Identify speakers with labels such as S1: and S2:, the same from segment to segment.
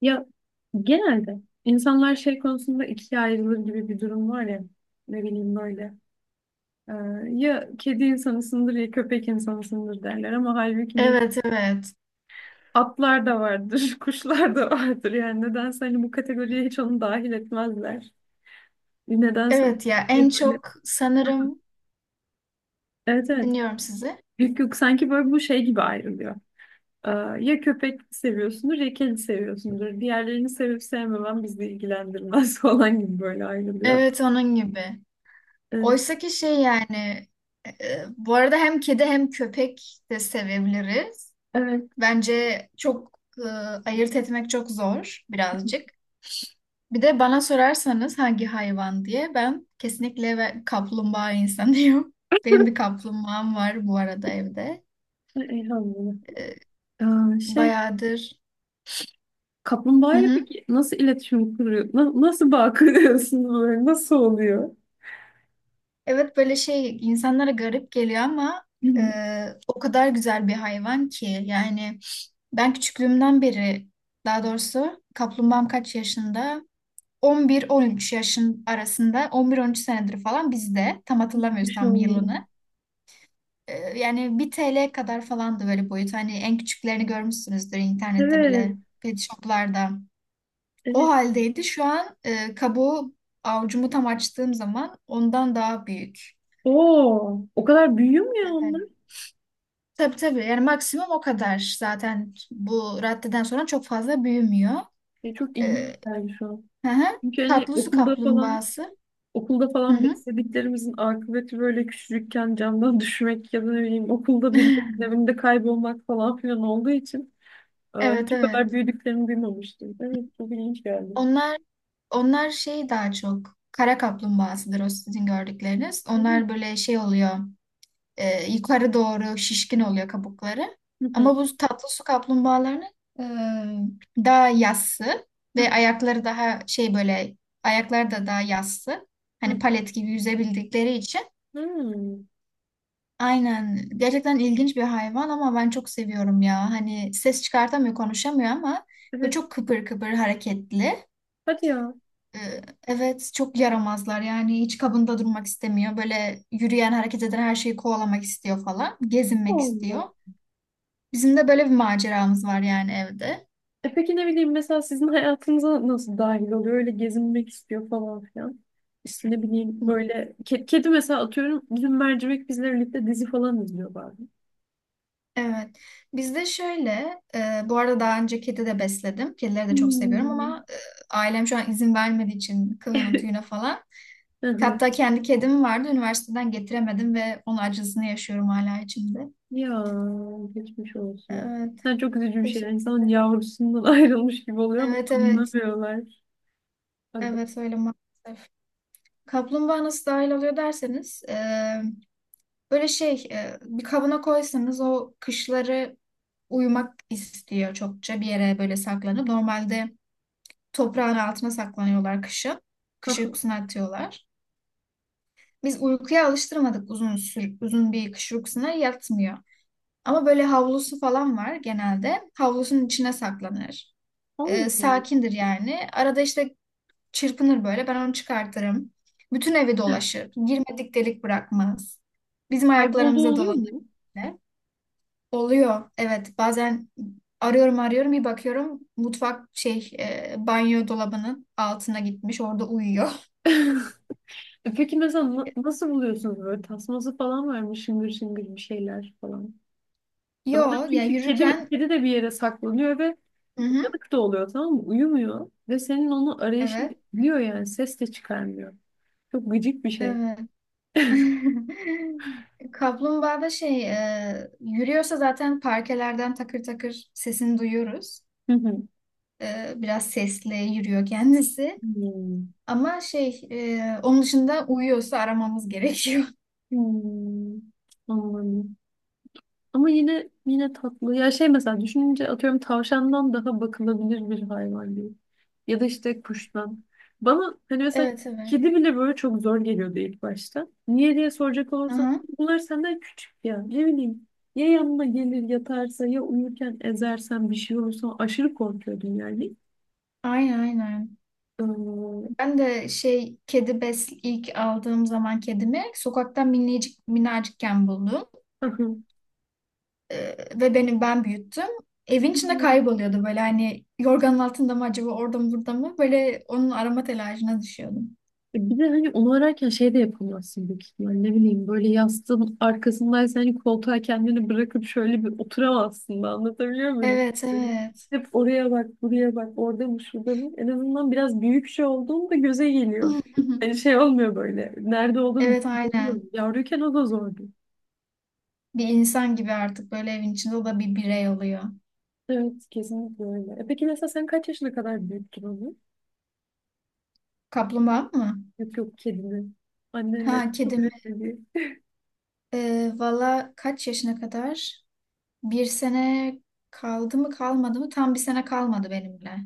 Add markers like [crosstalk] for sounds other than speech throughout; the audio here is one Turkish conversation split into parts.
S1: Ya, genelde insanlar şey konusunda ikiye ayrılır gibi bir durum var ya, ne bileyim böyle e, ya kedi insanısındır ya köpek insanısındır derler, ama halbuki ne,
S2: Evet, evet.
S1: atlar da vardır [laughs] kuşlar da vardır. Yani nedense hani bu kategoriye hiç onu dahil etmezler. Nedense.
S2: Evet ya en
S1: Ya böyle.
S2: çok sanırım
S1: Evet, evet.
S2: dinliyorum sizi.
S1: Yok, yok, sanki böyle bu şey gibi ayrılıyor. Ee, ya köpek seviyorsundur ya kedi seviyorsundur. Diğerlerini sevip sevmemen bizi ilgilendirmez [laughs] falan gibi böyle ayrılıyor.
S2: Evet onun gibi.
S1: Evet.
S2: Oysa ki şey yani bu arada hem kedi hem köpek de sevebiliriz.
S1: Evet.
S2: Bence çok ayırt etmek çok zor birazcık. Bir de bana sorarsanız hangi hayvan diye ben kesinlikle kaplumbağa insanıyım. [laughs] Benim bir kaplumbağam var bu arada evde.
S1: Ay, Elhamdülillah.
S2: E,
S1: Aa, şey,
S2: Bayağıdır. Hı
S1: kaplumbağayla
S2: hı.
S1: peki nasıl iletişim kuruyor? Nasıl bağ [laughs] kuruyorsunuz böyle? Nasıl oluyor?
S2: Evet böyle şey insanlara garip geliyor ama e,
S1: Bilmiyorum.
S2: o kadar güzel bir hayvan ki yani ben küçüklüğümden beri daha doğrusu kaplumbağam kaç yaşında? 11-13 yaşın arasında, 11-13 senedir falan bizde, tam
S1: Bir
S2: hatırlamıyoruz
S1: şey
S2: tam
S1: olmuyor.
S2: yılını. Yani 1 TL kadar falandı böyle boyut, hani en küçüklerini görmüşsünüzdür internette
S1: Evet,
S2: bile, pet shoplarda. O
S1: evet.
S2: haldeydi şu an. Kabuğu avucumu tam açtığım zaman ondan daha büyük.
S1: Oo, o kadar büyüyor mu ya
S2: Evet.
S1: onlar?
S2: Tabii tabii, yani maksimum o kadar zaten, bu raddeden sonra çok fazla büyümüyor.
S1: Çok ilginç
S2: Ee,
S1: geldi şu an.
S2: hı hı.
S1: Çünkü hani
S2: Tatlı su kaplumbağası.
S1: okulda
S2: Hı
S1: falan
S2: hı.
S1: beslediklerimizin akıbeti böyle küçücükken camdan [laughs] düşmek ya da ne bileyim okulda birilerinin
S2: [laughs]
S1: evinde kaybolmak falan filan olduğu için
S2: Evet
S1: hiç bu kadar
S2: evet.
S1: büyüdüklerini duymamıştım. Evet, çok ilginç geldi.
S2: Onlar onlar şey, daha çok kara kaplumbağasıdır o sizin gördükleriniz.
S1: Hı
S2: Onlar böyle şey oluyor, yukarı doğru şişkin oluyor kabukları.
S1: hı.
S2: Ama bu tatlı su kaplumbağalarının daha yassı, ve
S1: Hı
S2: ayakları daha şey böyle, ayakları da daha yassı. Hani
S1: hı.
S2: palet gibi yüzebildikleri için.
S1: Hmm,
S2: Aynen. Gerçekten ilginç bir hayvan ama ben çok seviyorum ya. Hani ses çıkartamıyor, konuşamıyor ama böyle
S1: evet.
S2: çok kıpır kıpır, hareketli.
S1: Hadi ya.
S2: Ee, Evet, çok yaramazlar yani, hiç kabında durmak istemiyor. Böyle yürüyen, hareket eden her şeyi kovalamak istiyor falan. Gezinmek istiyor.
S1: Allah.
S2: Bizim de böyle bir maceramız var yani evde.
S1: E peki, ne bileyim, mesela sizin hayatınıza nasıl dahil oluyor? Öyle gezinmek istiyor falan filan. İşte ne bileyim böyle kedi, mesela atıyorum, dün Mercimek bizle birlikte dizi falan izliyor bazen.
S2: Evet. Bizde şöyle, bu arada daha önce kedi de besledim. Kedileri de çok seviyorum
S1: Hmm.
S2: ama ailem şu an izin vermediği için, kılına tüyüne
S1: [laughs]
S2: falan.
S1: Hı hı.
S2: Hatta kendi kedim vardı. Üniversiteden getiremedim ve onun acısını yaşıyorum hala içimde.
S1: Ya, geçmiş olsun.
S2: Evet.
S1: Sen, çok üzücü bir şey. Yani
S2: teşekkür-
S1: İnsanın yavrusundan [laughs] ayrılmış gibi oluyor ama
S2: Evet evet.
S1: anlamıyorlar. Aga.
S2: Evet öyle maalesef. Kaplumbağa nasıl dahil oluyor derseniz, böyle şey, bir kabına koysanız o kışları uyumak istiyor çokça, bir yere böyle saklanıp. Normalde toprağın altına saklanıyorlar kışın. Kış
S1: [laughs]
S2: uykusuna atıyorlar. Biz uykuya alıştırmadık, uzun bir kış uykusuna yatmıyor. Ama böyle havlusu falan var genelde. Havlusunun içine saklanır.
S1: Allah Allah.
S2: Sakindir yani. Arada işte çırpınır böyle. Ben onu çıkartırım. Bütün evi dolaşır. Girmedik delik bırakmaz. Bizim
S1: Kaybolduğu
S2: ayaklarımıza
S1: oluyor
S2: dolanır
S1: mu?
S2: bile. Oluyor. Evet, bazen arıyorum, arıyorum, bir bakıyorum mutfak şey, banyo dolabının altına gitmiş, orada uyuyor.
S1: [laughs] E peki, mesela nasıl buluyorsunuz böyle, tasması falan var mı, şıngır şıngır bir şeyler falan?
S2: [laughs]
S1: Ya, bana
S2: Yo ya,
S1: çünkü kedi
S2: yürürken.
S1: kedi de bir yere saklanıyor ve
S2: Hı hı,
S1: uyanık da oluyor, tamam mı? Uyumuyor ve senin onu arayışın
S2: evet
S1: biliyor yani, ses de çıkarmıyor. Çok gıcık bir şey.
S2: evet. [laughs] Kaplumbağa da şey, yürüyorsa zaten parkelerden takır takır sesini duyuyoruz.
S1: Hı hı.
S2: Biraz sesli yürüyor kendisi.
S1: Hmm.
S2: Ama şey, onun dışında uyuyorsa aramamız gerekiyor.
S1: Hmm. Anladım. Ama yine tatlı. Ya şey, mesela düşününce, atıyorum tavşandan daha bakılabilir bir hayvan değil. Ya da işte kuştan. Bana hani
S2: [laughs]
S1: mesela
S2: Evet evet.
S1: kedi bile böyle çok zor geliyordu ilk başta. Niye diye soracak olursan,
S2: Aha.
S1: bunlar senden küçük ya. Ne bileyim, ya yanına gelir yatarsa, ya uyurken ezersen bir şey olursa aşırı korkuyordum yani.
S2: Aynen aynen.
S1: Ee,
S2: Ben de şey, kedi bes ilk aldığım zaman kedimi sokaktan minicik minacıkken buldum. Ve benim, ben büyüttüm. Evin içinde
S1: [laughs]
S2: kayboluyordu böyle, hani yorganın altında mı acaba, orada mı burada mı, böyle onun arama telaşına düşüyordum.
S1: Bir de hani onu ararken şey de yapamazsın büyük ihtimalle. Ne bileyim, böyle yastığın arkasındaysa hani koltuğa kendini bırakıp şöyle bir oturamazsın da, anlatabiliyor muyum?
S2: Evet evet.
S1: Hep oraya bak, buraya bak, orada mı, şurada mı? En azından biraz büyük şey olduğunda göze geliyor. Hani
S2: [laughs]
S1: şey olmuyor böyle. Nerede olduğunu
S2: Evet
S1: bilmiyorum.
S2: aynen.
S1: Yavruyken o da zordu.
S2: Bir insan gibi artık böyle evin içinde, o da bir birey oluyor.
S1: Evet, kesinlikle öyle. E peki, mesela sen kaç yaşına kadar büyüttün onu?
S2: Kaplumbağa mı?
S1: Yok, yok, kedini. Annenle
S2: Ha,
S1: kabul
S2: kedim.
S1: etmedi.
S2: Valla kaç yaşına kadar? Bir sene kaldı mı, kalmadı mı? Tam bir sene kalmadı benimle.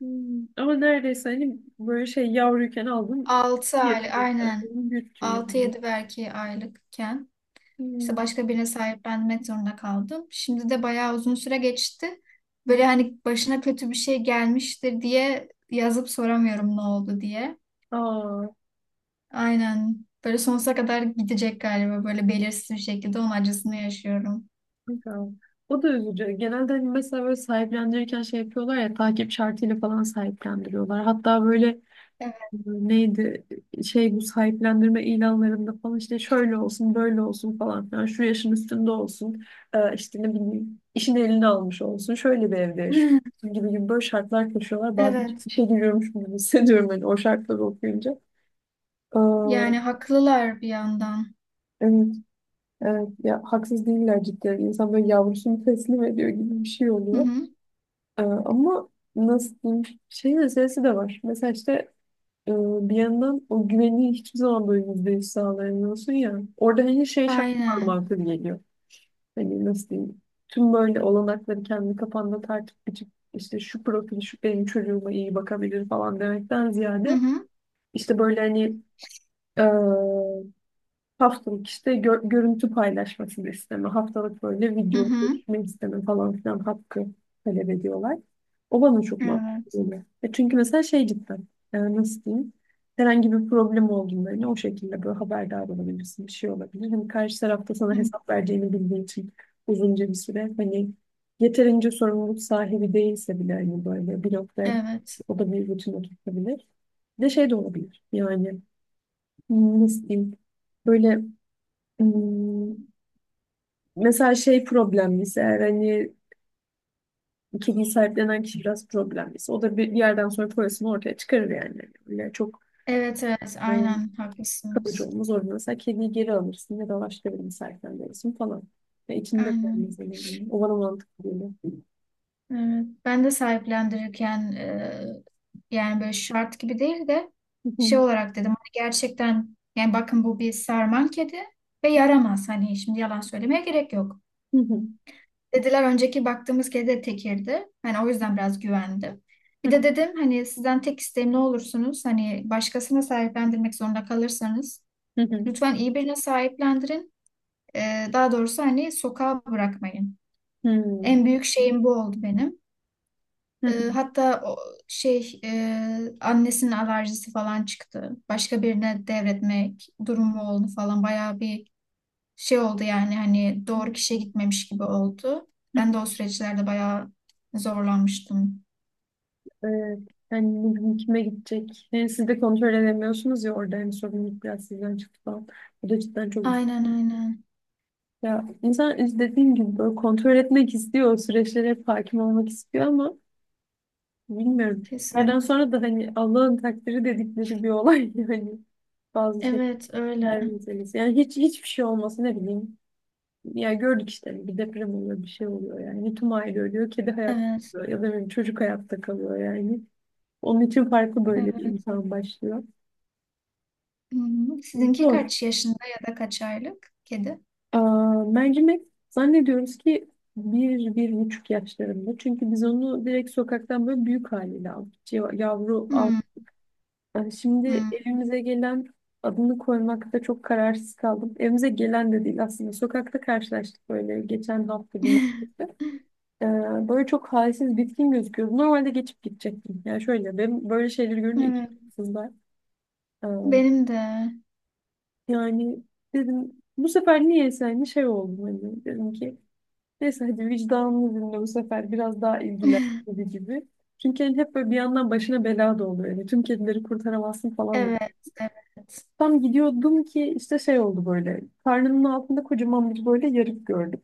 S1: Hmm. Ama neredeyse hani böyle şey, yavruyken aldım.
S2: Altı
S1: Bir
S2: aylık aynen.
S1: aklımı büyüttü
S2: Altı
S1: yani.
S2: yedi belki aylıkken. İşte
S1: Hmm.
S2: başka birine sahiplenmek zorunda kaldım. Şimdi de bayağı uzun süre geçti. Böyle hani başına kötü bir şey gelmiştir diye yazıp soramıyorum ne oldu diye.
S1: Aa,
S2: Aynen. Böyle sonsuza kadar gidecek galiba, böyle belirsiz bir şekilde onun acısını yaşıyorum.
S1: güzel. O da üzücü. Genelde hani mesela böyle sahiplendirirken şey yapıyorlar ya, takip şartıyla falan sahiplendiriyorlar. Hatta böyle
S2: Evet.
S1: neydi şey, bu sahiplendirme ilanlarında falan işte şöyle olsun böyle olsun falan filan, şu yaşın üstünde olsun, işte ne bileyim, işin eline almış olsun, şöyle bir evde yaşıyor
S2: [laughs]
S1: olsun gibi gibi böyle şartlar koşuyorlar. Bazen
S2: Evet.
S1: işe giriyormuş gibi hissediyorum, hani o şartları okuyunca. Ee,
S2: Yani haklılar bir yandan.
S1: evet, evet ya, haksız değiller cidden. İnsan böyle yavrusunu teslim ediyor gibi bir şey
S2: Hı
S1: oluyor.
S2: hı.
S1: Ama nasıl diyeyim, şeyin meselesi de var mesela işte. Ee, Bir yandan o güveni hiçbir zaman böyle %100 sağlayamıyorsun ya. Orada hani şey şartı var
S2: Aynen.
S1: mantığı geliyor. Hani nasıl diyeyim? Tüm böyle olanakları kendi kafanda tartıp biçip, işte şu profil şu benim çocuğuma iyi bakabilir falan demekten
S2: Hı
S1: ziyade,
S2: hı.
S1: işte böyle hani, haftalık işte görüntü paylaşmasını isteme, haftalık böyle
S2: Hı
S1: video
S2: hı.
S1: görüşme isteme falan filan hakkı talep ediyorlar. O bana çok mantıklı
S2: Evet.
S1: geliyor. E çünkü mesela şey cidden, nasıl diyeyim, herhangi bir problem olduğunda hani o şekilde böyle haberdar olabilirsin, bir şey olabilir. Hani karşı tarafta sana
S2: Hı.
S1: hesap vereceğini bildiğin için uzunca bir süre hani, yeterince sorumluluk sahibi değilse bile hani böyle bir noktaya
S2: Evet.
S1: o da bir rutin oturtabilir. Bir de şey de olabilir yani, nasıl diyeyim, böyle, Hmm, mesela şey problemliyse eğer, hani kediyi sahiplenen kişi biraz problemliyse, o da bir yerden sonra parasını ortaya çıkarır yani. Öyle çok
S2: Evet evet,
S1: ıı,
S2: aynen
S1: kalıcı
S2: haklısınız.
S1: olmaz orada. Mesela kediyi geri alırsın ya da başka birini sahiplendirirsin falan. Ya içinde
S2: Aynen.
S1: kalmaz öyle yani. O bana mantıklı geliyor.
S2: Evet, ben de sahiplendirirken yani böyle şart gibi değil de şey olarak dedim hani, gerçekten yani bakın, bu bir sarman kedi ve yaramaz, hani şimdi yalan söylemeye gerek yok.
S1: [laughs]
S2: Dediler, önceki baktığımız kedi de tekirdi. Hani o yüzden biraz güvendim. Bir de dedim hani sizden tek isteğim, ne olursunuz hani başkasına sahiplendirmek zorunda kalırsanız lütfen iyi birine sahiplendirin. E, Daha doğrusu hani sokağa bırakmayın. En büyük şeyim bu oldu benim. Hatta o şey, annesinin alerjisi falan çıktı. Başka birine devretmek durumu oldu falan. Bayağı bir şey oldu yani, hani doğru kişiye gitmemiş gibi oldu. Ben de o süreçlerde bayağı zorlanmıştım.
S1: Evet. Yani ne bileyim, kime gidecek? Yani siz de kontrol edemiyorsunuz ya, orada hani sorumluluk biraz sizden çıktı falan. Bu da cidden çok.
S2: Aynen aynen.
S1: Ya insan, işte dediğim gibi, böyle kontrol etmek istiyor, o süreçlere hep hakim olmak istiyor ama bilmiyorum.
S2: Kesin.
S1: Yerden sonra da hani Allah'ın takdiri dedikleri bir olay [laughs] yani, bazı
S2: Evet öyle.
S1: şeyler meselesi. Yani hiç hiçbir şey olması ne bileyim. Ya, gördük işte, bir deprem oluyor, bir şey oluyor yani. Bir tüm aile ölüyor, kedi hayatta
S2: Evet.
S1: kalıyor ya da bir çocuk hayatta kalıyor yani. Onun için farklı böyle bir
S2: Evet.
S1: imtihan başlıyor.
S2: Hı-hı. Sizinki
S1: Zor.
S2: kaç yaşında ya da kaç aylık kedi?
S1: Aa, Mercimek zannediyoruz ki 1,5 yaşlarında. Çünkü biz onu direkt sokaktan böyle büyük haliyle aldık. Yavru
S2: Hı,
S1: al. Yani şimdi
S2: hı.
S1: evimize gelen, adını koymakta çok kararsız kaldım. Evimize gelen de değil aslında. Sokakta karşılaştık böyle geçen hafta cumartesi.
S2: [laughs]
S1: Ee, Böyle çok halsiz bitkin gözüküyordu. Normalde geçip gidecektim. Yani şöyle, ben böyle şeyleri görünce iki
S2: Evet.
S1: kızlar. Ee,
S2: Benim de.
S1: yani dedim bu sefer, niyeyse hani şey oldu, hani dedim ki neyse hadi vicdanını dinle bu sefer biraz daha ilgilen gibi
S2: [laughs]
S1: gibi. Çünkü hani hep böyle bir yandan başına bela da oluyor. Yani tüm kedileri kurtaramazsın falan.
S2: Evet. Evet.
S1: Tam gidiyordum ki işte şey oldu böyle. Karnının altında kocaman bir böyle yarık gördüm.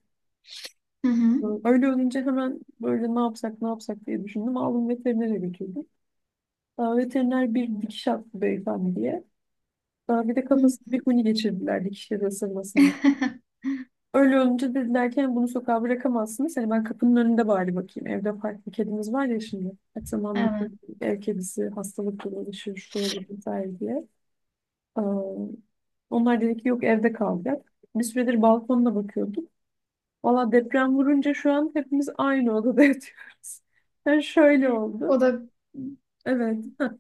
S2: Hı hı.
S1: Öyle olunca hemen böyle, ne yapsak ne yapsak diye düşündüm. Aldım, veterinere götürdüm. Aa, veteriner bir dikiş attı beyefendiye. Aa, bir de kafası
S2: Hı.
S1: bir huni geçirdiler dikişleri ısırmasından.
S2: [laughs]
S1: Öyle olunca dediler ki, "Yani bunu sokağa bırakamazsınız." Hani ben kapının önünde bari bakayım. Evde farklı kedimiz var ya şimdi. Her zaman
S2: Evet.
S1: bir ev kedisi hastalıkla uğraşır, şu olur vesaire diye. Ee, onlar dedi ki yok, evde kalacak. Bir süredir balkonda bakıyorduk. Valla deprem vurunca şu an hepimiz aynı odada [laughs] yatıyoruz. Yani şöyle
S2: O
S1: oldu.
S2: da
S1: Evet. Hah.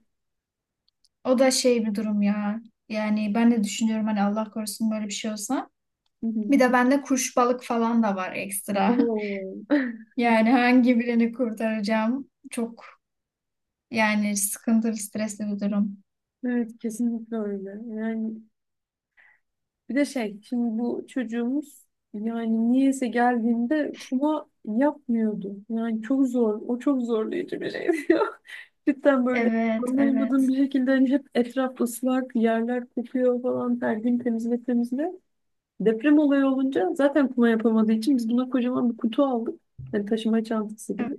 S2: o da şey bir durum ya. Yani ben de düşünüyorum hani Allah korusun böyle bir şey olsa.
S1: Hı hı.
S2: Bir de bende kuş, balık falan da var ekstra. [laughs]
S1: Oo. [laughs]
S2: Yani hangi birini kurtaracağım? Çok yani sıkıntılı, stresli bir durum.
S1: Evet, kesinlikle öyle. Yani, bir de şey, şimdi bu çocuğumuz yani niyeyse geldiğinde kuma yapmıyordu. Yani çok zor. O çok zorlayıcı bir şeydi ya. [laughs] Cidden böyle
S2: Evet,
S1: anlayamadığım
S2: evet.
S1: bir şekilde hani hep etraf ıslak, yerler kokuyor falan, her gün temizle temizle. Deprem olayı olunca zaten kuma yapamadığı için biz buna kocaman bir kutu aldık. Hani taşıma çantası
S2: Evet.
S1: gibi.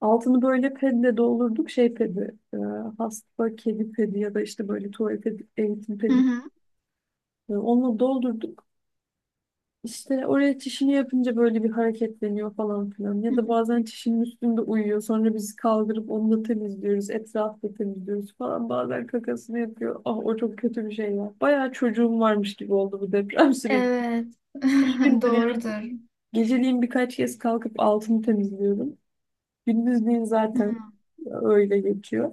S1: Altını böyle pedle doldurduk. Şey pedi, hasta kedi pedi ya da işte böyle tuvalet pedi, eğitim
S2: Hı
S1: pedi.
S2: hı.
S1: Onunla doldurduk. İşte oraya çişini yapınca böyle bir hareketleniyor falan filan.
S2: Hı
S1: Ya da
S2: hı.
S1: bazen çişinin üstünde uyuyor. Sonra biz kaldırıp onu da temizliyoruz. Etrafı da temizliyoruz falan. Bazen kakasını yapıyor. Ah, o çok kötü bir şey ya. Bayağı çocuğum varmış gibi oldu bu deprem [laughs] süreci.
S2: Evet. [laughs]
S1: 3 gündür yani.
S2: Doğrudur.
S1: Geceliğin birkaç kez kalkıp altını temizliyorum. Gündüzliğin
S2: Hı,
S1: zaten öyle geçiyor.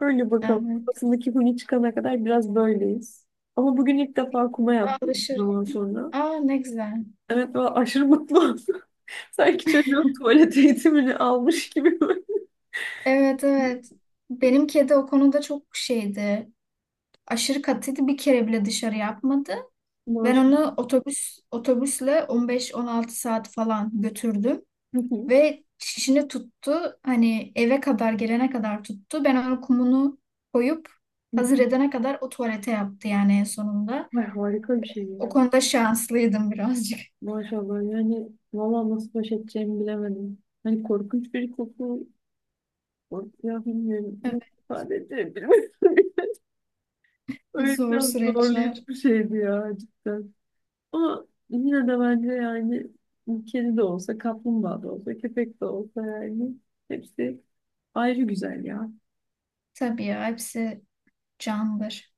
S1: Öyle bakalım.
S2: evet.
S1: Kafasındaki huni çıkana kadar biraz böyleyiz. Ama bugün ilk defa kuma
S2: Ama
S1: yaptım
S2: alışır
S1: zaman
S2: ya.
S1: sonra.
S2: Aa, ne güzel.
S1: Evet, ben aşırı mutlu oldum. Sanki çocuğun tuvalet eğitimini almış gibi böyle.
S2: Evet evet. Benim kedi o konuda çok şeydi, aşırı katıydı. Bir kere bile dışarı yapmadı. Ben
S1: Maşallah.
S2: onu otobüsle 15-16 saat falan götürdüm
S1: Hı hı,
S2: ve şişini tuttu. Hani eve kadar gelene kadar tuttu. Ben onun kumunu koyup
S1: hı hı.
S2: hazır edene kadar o tuvalete yaptı yani en sonunda.
S1: Ay, harika bir şey
S2: O
S1: ya.
S2: konuda şanslıydım birazcık.
S1: Maşallah yani, valla nasıl baş edeceğimi bilemedim. Hani korkunç bir koku. Ya bilmiyorum, nasıl
S2: [laughs]
S1: ifade edebilirim? [laughs]
S2: Evet,
S1: Öyle
S2: zor
S1: biraz
S2: süreçler.
S1: zorlayıcı bir şeydi ya cidden. Ama yine de bence yani, kedi de olsa, kaplumbağa da olsa, köpek de olsa yani hepsi ayrı güzel ya.
S2: Tabii ya, hepsi candır.